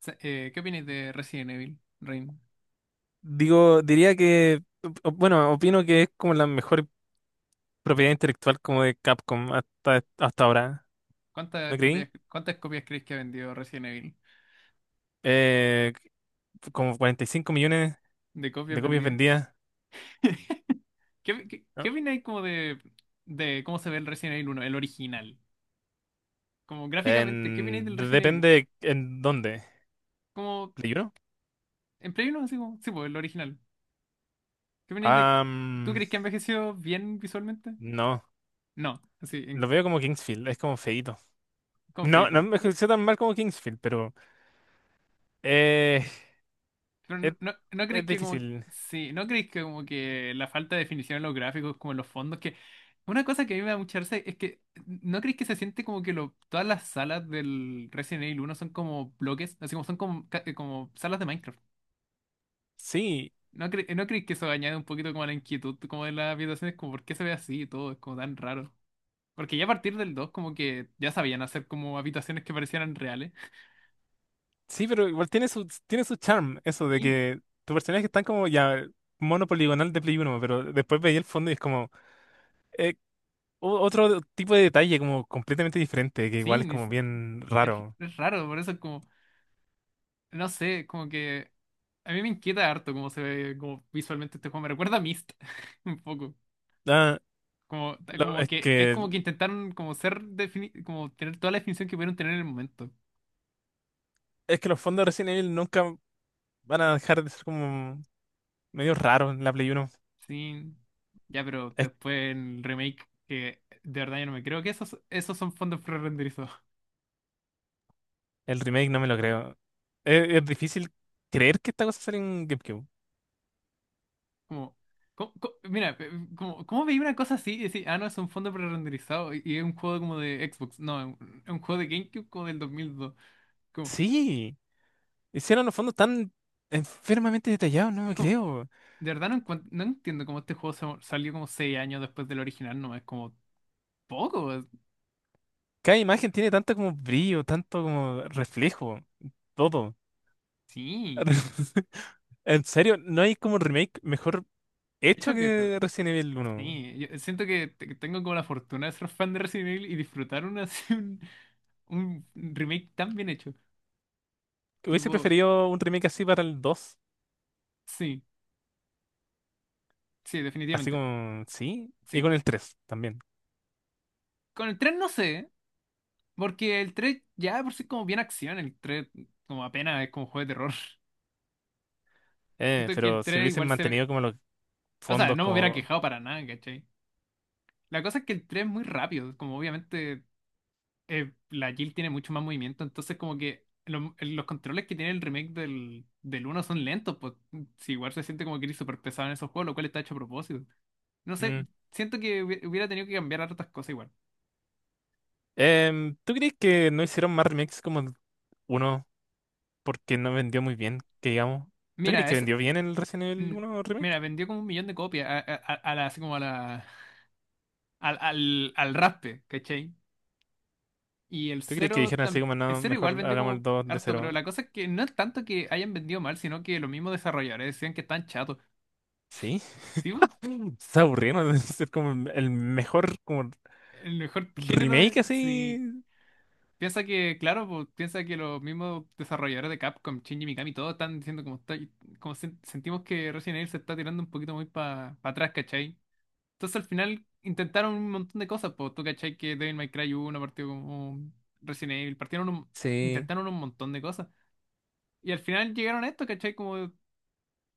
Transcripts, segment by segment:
¿Qué opináis de Resident Evil, Rain? Digo, diría que, bueno, opino que es como la mejor propiedad intelectual como de Capcom hasta ahora, ¿no creí? Cuántas copias creéis que ha vendido Resident Evil? Eh, como 45 millones ¿De copias de copias vendidas? vendidas. ¿Qué ¿No? opináis como de cómo se ve el Resident Evil uno, el original? Como gráficamente, ¿qué opináis del En- Resident Evil uno? depende en dónde. Como ¿Play uno? en Play uno así como, sí, pues el original. ¿Qué opináis de... ¿Tú Am, crees que ha envejecido bien visualmente? no, No, así, en, lo veo como Kingsfield, es como feíto. con No, no feito. me ejerció tan mal como Kingsfield, pero eh, Pero es, ¿no es creéis que como difícil. sí, no creéis que como que la falta de definición en los gráficos, como en los fondos, que una cosa que a mí me da mucha risa es que no creéis que se siente como que lo, todas las salas del Resident Evil uno son como bloques, así como son como, como salas de Minecraft? Sí, No creéis que eso añade un poquito como a la inquietud como de las habitaciones, como por qué se ve así y todo, es como tan raro? Porque ya a partir del 2 como que ya sabían hacer como habitaciones que parecieran reales. sí, pero igual tiene su charm, eso de Sí, que tus personajes están como ya mono poligonal de Play uno, pero después veía el fondo y es como eh, otro tipo de detalle como completamente diferente, que igual sí, es ni- como si, bien es, raro. es raro, por eso es como... No sé, como que a mí me inquieta harto cómo se ve como visualmente este juego. Me recuerda a Myst un poco. Ah, Como, lo- como es que es que como que intentaron como ser como tener toda la definición que pudieron tener en el momento. es que los fondos de Resident Evil nunca van a dejar de ser como medio raros en la Play uno. Sí. Ya, pero Es- después en el remake, que de verdad yo no me creo que esos, esos son fondos prerenderizados. el remake no me lo creo. Es difícil creer que esta cosa sale en GameCube. Como, mira, como, ¿cómo veía una cosa así y decir, ah, no, es un fondo prerenderizado y es un juego como de Xbox? No, es un juego de GameCube como del 2002. Como, Sí, hicieron los fondos tan enfermamente detallados, no es me como, creo. de verdad no, no entiendo cómo este juego salió como 6 años después del original, no es como poco, Cada imagen tiene tanto como brillo, tanto como reflejo, todo. sí. En serio, no hay como un remake mejor De hecho hecho que Resident Evil uno. sí, yo siento que tengo como la fortuna de ser fan de Resident Evil y disfrutar una, un remake tan bien hecho. Hubiese Tipo, preferido un remake así para el dos, sí, sí, así definitivamente, como, sí, y sí. con el tres también. Con el 3 no sé, porque el tres ya de por sí es como bien acción, el 3 como apenas es como juego de terror. Siento que Pero el si 3 hubiesen igual mantenido se... como los O sea, fondos, no me hubiera como. quejado para nada, ¿cachai? La cosa es que el 3 es muy rápido, como obviamente la Jill tiene mucho más movimiento, entonces como que los controles que tiene el remake del uno son lentos, pues si igual se siente como que eres súper pesado en esos juegos, lo cual está hecho a propósito. No sé, Mm. siento que hubiera tenido que cambiar hartas cosas igual. ¿Tú crees que no hicieron más remakes como el 1 porque no vendió muy bien, que digamos? ¿Tú crees Mira, que es, vendió bien el Resident mm, Evil uno remake? mira, vendió como 1 millón de copias así como a al raspe, ¿cachai? Y el ¿Tú crees que cero, dijeron así como, el no, cero igual mejor vendió hagamos el como 2 de harto, pero cero? la cosa es que no es tanto que hayan vendido mal, sino que los mismos desarrolladores decían que están chatos. Sí, Sí, pues, está aburrido, ¿no? Es como el mejor como el mejor género de... remake así. Sí. Piensa que, claro, pues, piensa que los mismos desarrolladores de Capcom, Shinji Mikami, todos están diciendo como, está, como sentimos que Resident Evil se está tirando un poquito muy para atrás, ¿cachai? Entonces al final intentaron un montón de cosas, pues tú, ¿cachai? Que Devil May Cry 1 partió como Resident Evil, Sí, intentaron un montón de cosas. Y al final llegaron a esto, ¿cachai? Como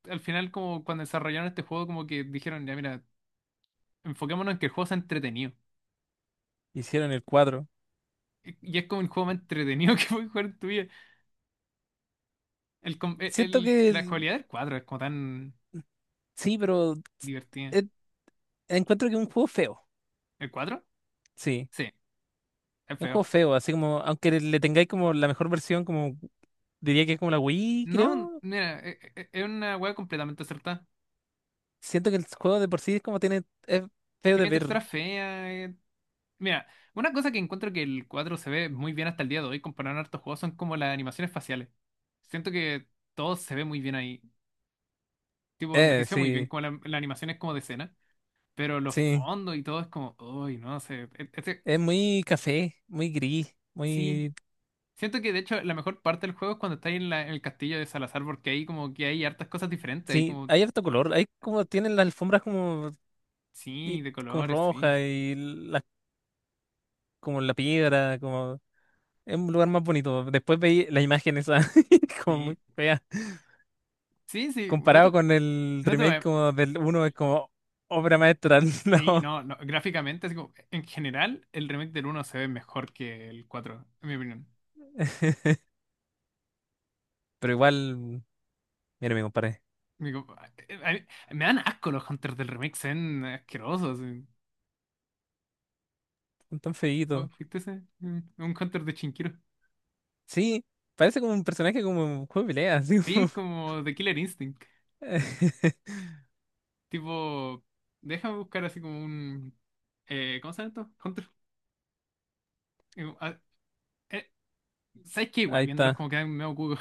al final como cuando desarrollaron este juego como que dijeron, ya mira, enfoquémonos en que el juego sea entretenido. hicieron el 4. Y es como el juego más entretenido que puedes jugar en tu vida. El, Siento que la cualidad del cuadro es como tan sí, pero divertida. eh, encuentro que es un juego feo. ¿El cuadro? Sí, Sí, es es un feo. juego feo, así como, aunque le tengáis como la mejor versión, como diría que es como la Wii, No, creo. mira, una wea completamente acertada. Siento que el juego de por sí es como tiene, es feo de Tiene ver. textura fea. Mira, una cosa que encuentro que el cuadro se ve muy bien hasta el día de hoy comparado a hartos juegos son como las animaciones faciales. Siento que todo se ve muy bien ahí. Tipo, envejeció muy bien Sí, como la animación es como de escena. Pero los sí. fondos y todo es como, uy, no sé. Es muy café, muy gris, Sí. muy. Siento que de hecho la mejor parte del juego es cuando estáis en, en el castillo de Salazar, porque ahí como que hay hartas cosas diferentes, hay Sí, como, hay harto color. Hay como, tienen las alfombras como sí, y de con colores, sí, roja y la, como la piedra, como es un lugar más bonito. Después veí las imágenes esa como sí, muy fea. Sí, no Comparado te, con el no te voy remake a... como del uno es como obra maestra, Sí, no. no, no, gráficamente, así como, en general, el remake del uno se ve mejor que el cuatro en mi opinión. Pero igual, mira, me comparé. Digo, a me dan asco los hunters del remake, se ven asquerosos. Sí. Son tan feitos. Oh, ¿viste ese? Mm, un hunter de Chinquiro. Sí, parece como un personaje como un juego de pelea, así Sí, como- es como de Killer Instinct. Tipo, déjame buscar así como un... ¿cómo se llama esto? Hunter. eh, ¿Sabes qué? Igual ahí viéndolos como está. quedan medio cucos.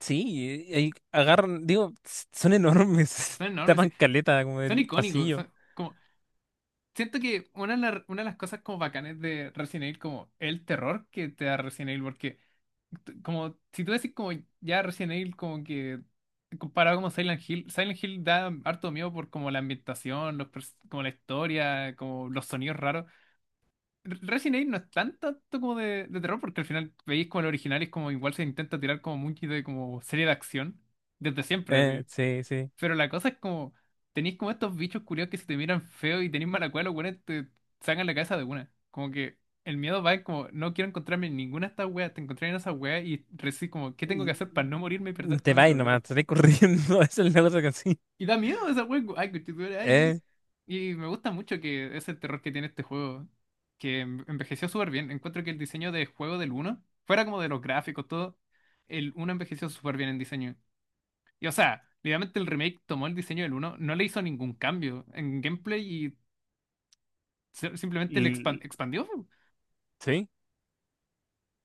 Sí, y agarran, digo, son enormes, Son enormes, tapan sí. caleta como Son el icónicos, pasillo. son como, siento que una de las cosas como bacanes de Resident Evil, como el terror que te da Resident Evil, porque como si tú decís como ya Resident Evil como que comparado como Silent Hill, Silent Hill da harto miedo por como la ambientación, como la historia, como los sonidos raros. Resident Evil no es tan tanto como de terror porque al final veis como el original y es como igual se intenta tirar como mucho de como serie de acción desde siempre, así. Sí, sí. Pero la cosa es como, tenéis como estos bichos curiosos que si te miran feo y tenéis mala cueva, los weones te sacan la cabeza de una. Como que el miedo va en como, no quiero encontrarme en ninguna de estas weas, te encontré en esa wea y recibes como, ¿qué tengo que hacer l- para no morirme y perder Te todo mi va y nomás, progreso? te corriendo. Es el negocio que sí. Y da miedo esa wea, como, ay, conchetumare, ay, Eh, ay. Y me gusta mucho que ese terror que tiene este juego, que envejeció súper bien. Encuentro que el diseño de juego del uno fuera como de los gráficos, todo, el uno envejeció súper bien en diseño. Y o sea, literalmente el remake tomó el diseño del uno, no le hizo ningún cambio en gameplay y simplemente le l- expandió. sí,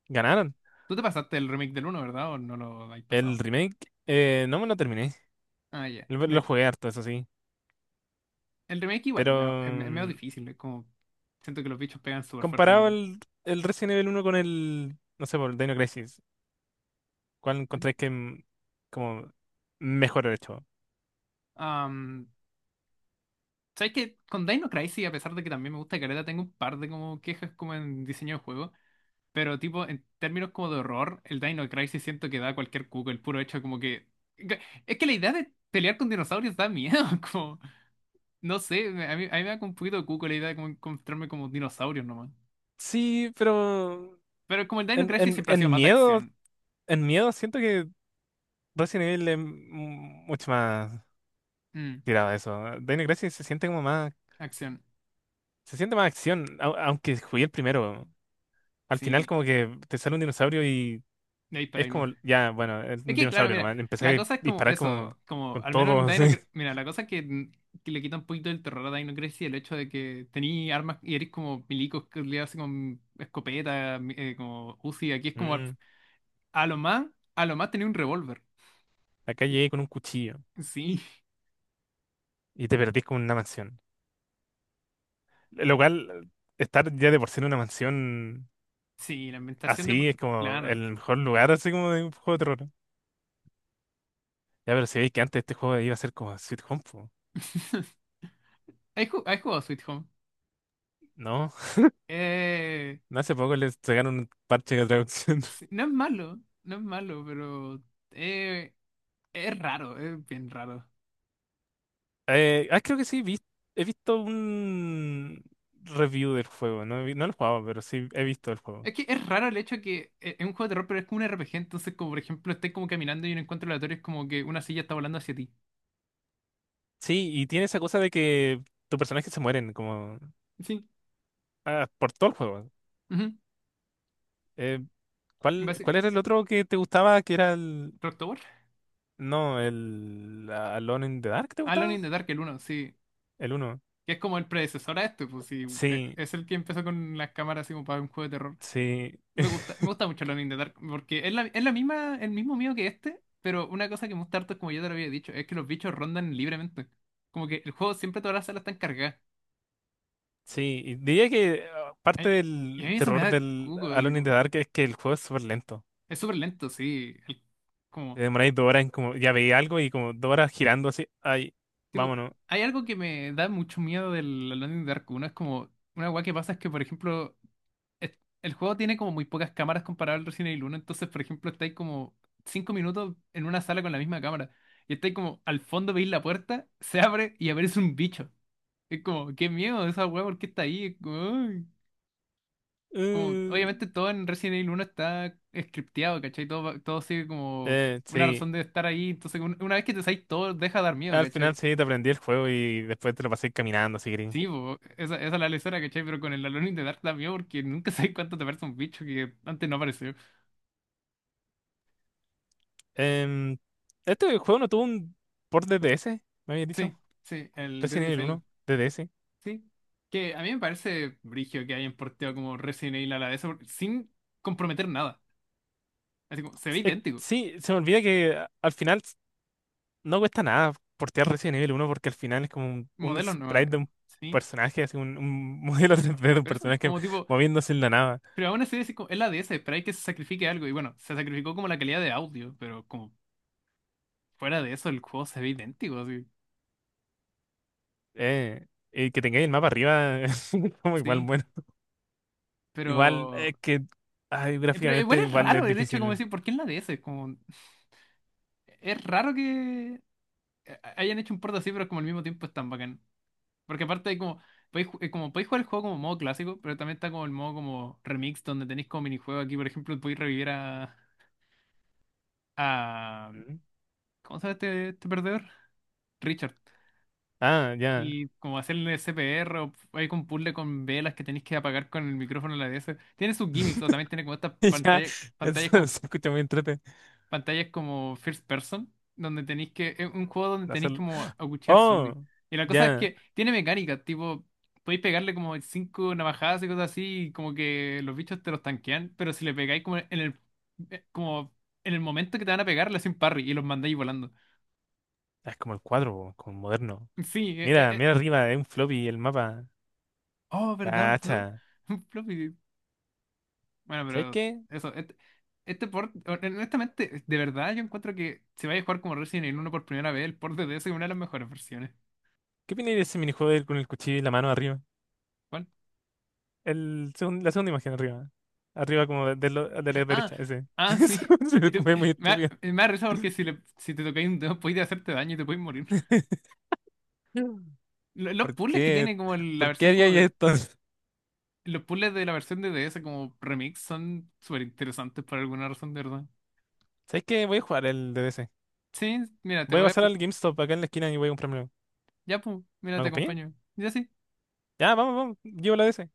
ganaron. Tú te pasaste el remake del uno, ¿verdad? ¿O no lo habéis El pasado? remake, no me lo terminé. Ah, ya. Lo Del- jugué harto, eso sí. el remake igual Pero es medio, es medio mm, difícil, es como... Siento que los bichos pegan súper fuerte en comparado el... el Resident Evil uno con el, no sé, por el Dino Crisis, ¿cuál encontráis que como mejor hecho? Am, ¿sabes qué? Con Dino Crisis, a pesar de que también me gusta Caleta, tengo un par de como quejas como en diseño de juego. Pero tipo, en términos como de horror, el Dino Crisis siento que da cualquier cuco, el puro hecho como que... Es que la idea de pelear con dinosaurios da miedo, como... No sé, a mí me da como un poquito de cuco la idea de como encontrarme como dinosaurios nomás. Sí, pero Pero como el Dino en, Crisis en, siempre ha sido en más de miedo, acción. en miedo siento que Resident Evil es mucho más Mm, tirado a eso. Dino Crisis se siente como más. acción. Se siente más acción, aunque jugué el primero. Al final Sí, como que te sale un dinosaurio y de ahí para es ahí, ¿no? como, ya, bueno, es Es un que, claro, dinosaurio mira, nomás. la Empecé a cosa es como disparar como eso, como con al menos todo, en así. Dino mira, la cosa es que, mm, que le quita un poquito el terror a Dino Crisis el hecho de que tení armas y eres como milicos que le hacen con escopeta, como Uzi. Aquí es como Mm, a lo más, a lo más tenía un revólver. Acá Y- llegué con un cuchillo sí, y te perdí con una mansión. Lo cual, estar ya de por sí en una mansión sí, la ambientación de. así es como Claro. el mejor lugar, así como de un juego de terror. Ya, pero si veis que antes este juego iba a ser como Sweet Home, po. Has jugado Sweet Home? ¿No? Eh, No hace poco les sacaron un parche de traducción. sí, no es malo, no es malo, pero eh, es raro, es bien raro. Creo que sí, he visto un review del juego, no, no lo he jugado, pero sí he visto el juego. Es que es raro el hecho de que es un juego de terror, pero es como un RPG. Entonces, como por ejemplo, estés como caminando y un encuentro aleatorio es como que una silla está volando hacia ti. Sí, y tiene esa cosa de que tus personajes se mueren como Sí. Por todo el juego. Ujú. Eh, En ¿cuál, base, cuál era el otro que te gustaba? Que era el... ¿Rocktober? No, el Alone in the Dark, ¿te Alone gustaba? in the Dark, el uno sí. El uno. Que es como el predecesor a este, pues sí. Sí, Es el que empezó con las cámaras así como para un juego de terror. sí. Me gusta mucho Alone in the Dark, porque es es la misma, el mismo miedo que este, pero una cosa que me gusta harto, como yo te lo había dicho, es que los bichos rondan libremente. Como que el juego siempre todas las salas están cargadas. Sí, y diría que parte Ay, y a del mí eso me terror da del cuco. Alone in the Dark es que el juego es súper lento. Es súper lento, sí. El- Te como, demoráis dos horas en como, ya veía algo y como dos horas girando así, ay, tipo, vámonos. hay algo que me da mucho miedo del Alone in the Dark 1. Es como, una weá que pasa es que, por ejemplo, es- el juego tiene como muy pocas cámaras comparado al Resident Evil uno. Entonces, por ejemplo, estáis como 5 minutos en una sala con la misma cámara. Y estáis como, al fondo veis la puerta, se abre y aparece un bicho. Es como, qué miedo esa weá, ¿por qué está ahí? Es como, "Ay". Como, Uh, obviamente todo en Resident Evil uno está scripteado, ¿cachai? Todo, todo sigue como una sí, razón de estar ahí. Entonces, una vez que te salís, todo deja de dar miedo, al final ¿cachai? sí te aprendí el juego y después te lo pasé caminando, así que... Sí, po, esa es la lesera, ¿cachai? Pero con el Alone in the Dark da miedo porque nunca sabes cuánto te parece un bicho que antes no apareció. Em, este juego no tuvo un port de DS, me habías dicho, Sí, sí, el Resident Deadly Evil Silent. uno de DS. Sí. Que a mí me parece brigio que hayan porteado como Resident Evil a la de eso por- sin comprometer nada. Así como, se ve idéntico. Sí, se me olvida que al final no cuesta nada portear Resident Evil uno porque al final es como un Modelos no. sprite de un Sí. personaje, así un modelo 3D de un Pero eso, personaje como tipo. moviéndose en la nave. Pero aún así es, es la DS, pero hay que se sacrifique algo. Y bueno, se sacrificó como la calidad de audio, pero como fuera de eso el juego se ve idéntico, así. Que tengáis el mapa arriba, es como igual, Sí, bueno. Igual, pero... es que ay, pero igual gráficamente es igual es raro el hecho como difícil. decir, ¿por qué en la DS? Como, es raro que hayan hecho un port así, pero como al mismo tiempo es tan bacán. Porque aparte hay como... Podéis, como podéis jugar el juego como modo clásico, pero también está como el modo como remix, donde tenéis como minijuego aquí, por ejemplo, podéis revivir a Mm. ¿cómo se llama este perdedor? Richard. Ah, ya. Y como hacer el CPR, o hay un puzzle con velas que tenéis que apagar con el micrófono de la DS. Tiene sus gimmicks, o también tiene como estas Ya, pantallas, eso se escucha muy entrete. pantallas como first person, donde tenéis que, es un juego donde tenéis Hacer- como aguchear Oh, zombies. Y la cosa es ya. que tiene mecánica, tipo, podéis pegarle como cinco navajadas y cosas así, y como que los bichos te los tanquean, pero si le pegáis como en el momento que te van a pegar, le hacen parry y los mandáis volando. Ah, es como el cuadro, po, como moderno. Sí, Mira, mira arriba, es un floppy el mapa. Oh, verdad, un flop. Cacha. Bueno, ¿Sabes pero qué? eso, este port, honestamente, de verdad yo encuentro que si vais a jugar como Resident Evil uno por primera vez, el port de DS es una de las mejores versiones. ¿Qué opináis de ese minijuego de ir con el cuchillo y la mano arriba? ¿Cuál? La segunda imagen arriba. Arriba como de de la Ah, derecha, ese. ah, sí. Y Eso te- me muy estúpido. me da risa porque si, le, si te tocáis un dedo podéis hacerte daño y te podéis morir. Los ¿Por puzzles que qué? tiene como la ¿Por qué versión haría como de... esto? Los puzzles de la versión de DS como remix son súper interesantes por alguna razón, de verdad. ¿Sabes qué? Voy a jugar el D. D. DDC. Sí, mira, te Voy a voy a... pasar al GameStop acá en la esquina y voy a comprarme. Ya, pues, mira, ¿Me te acompañan? acompaño. Ya sí. Ya, vamos, vamos. Llevo la DS.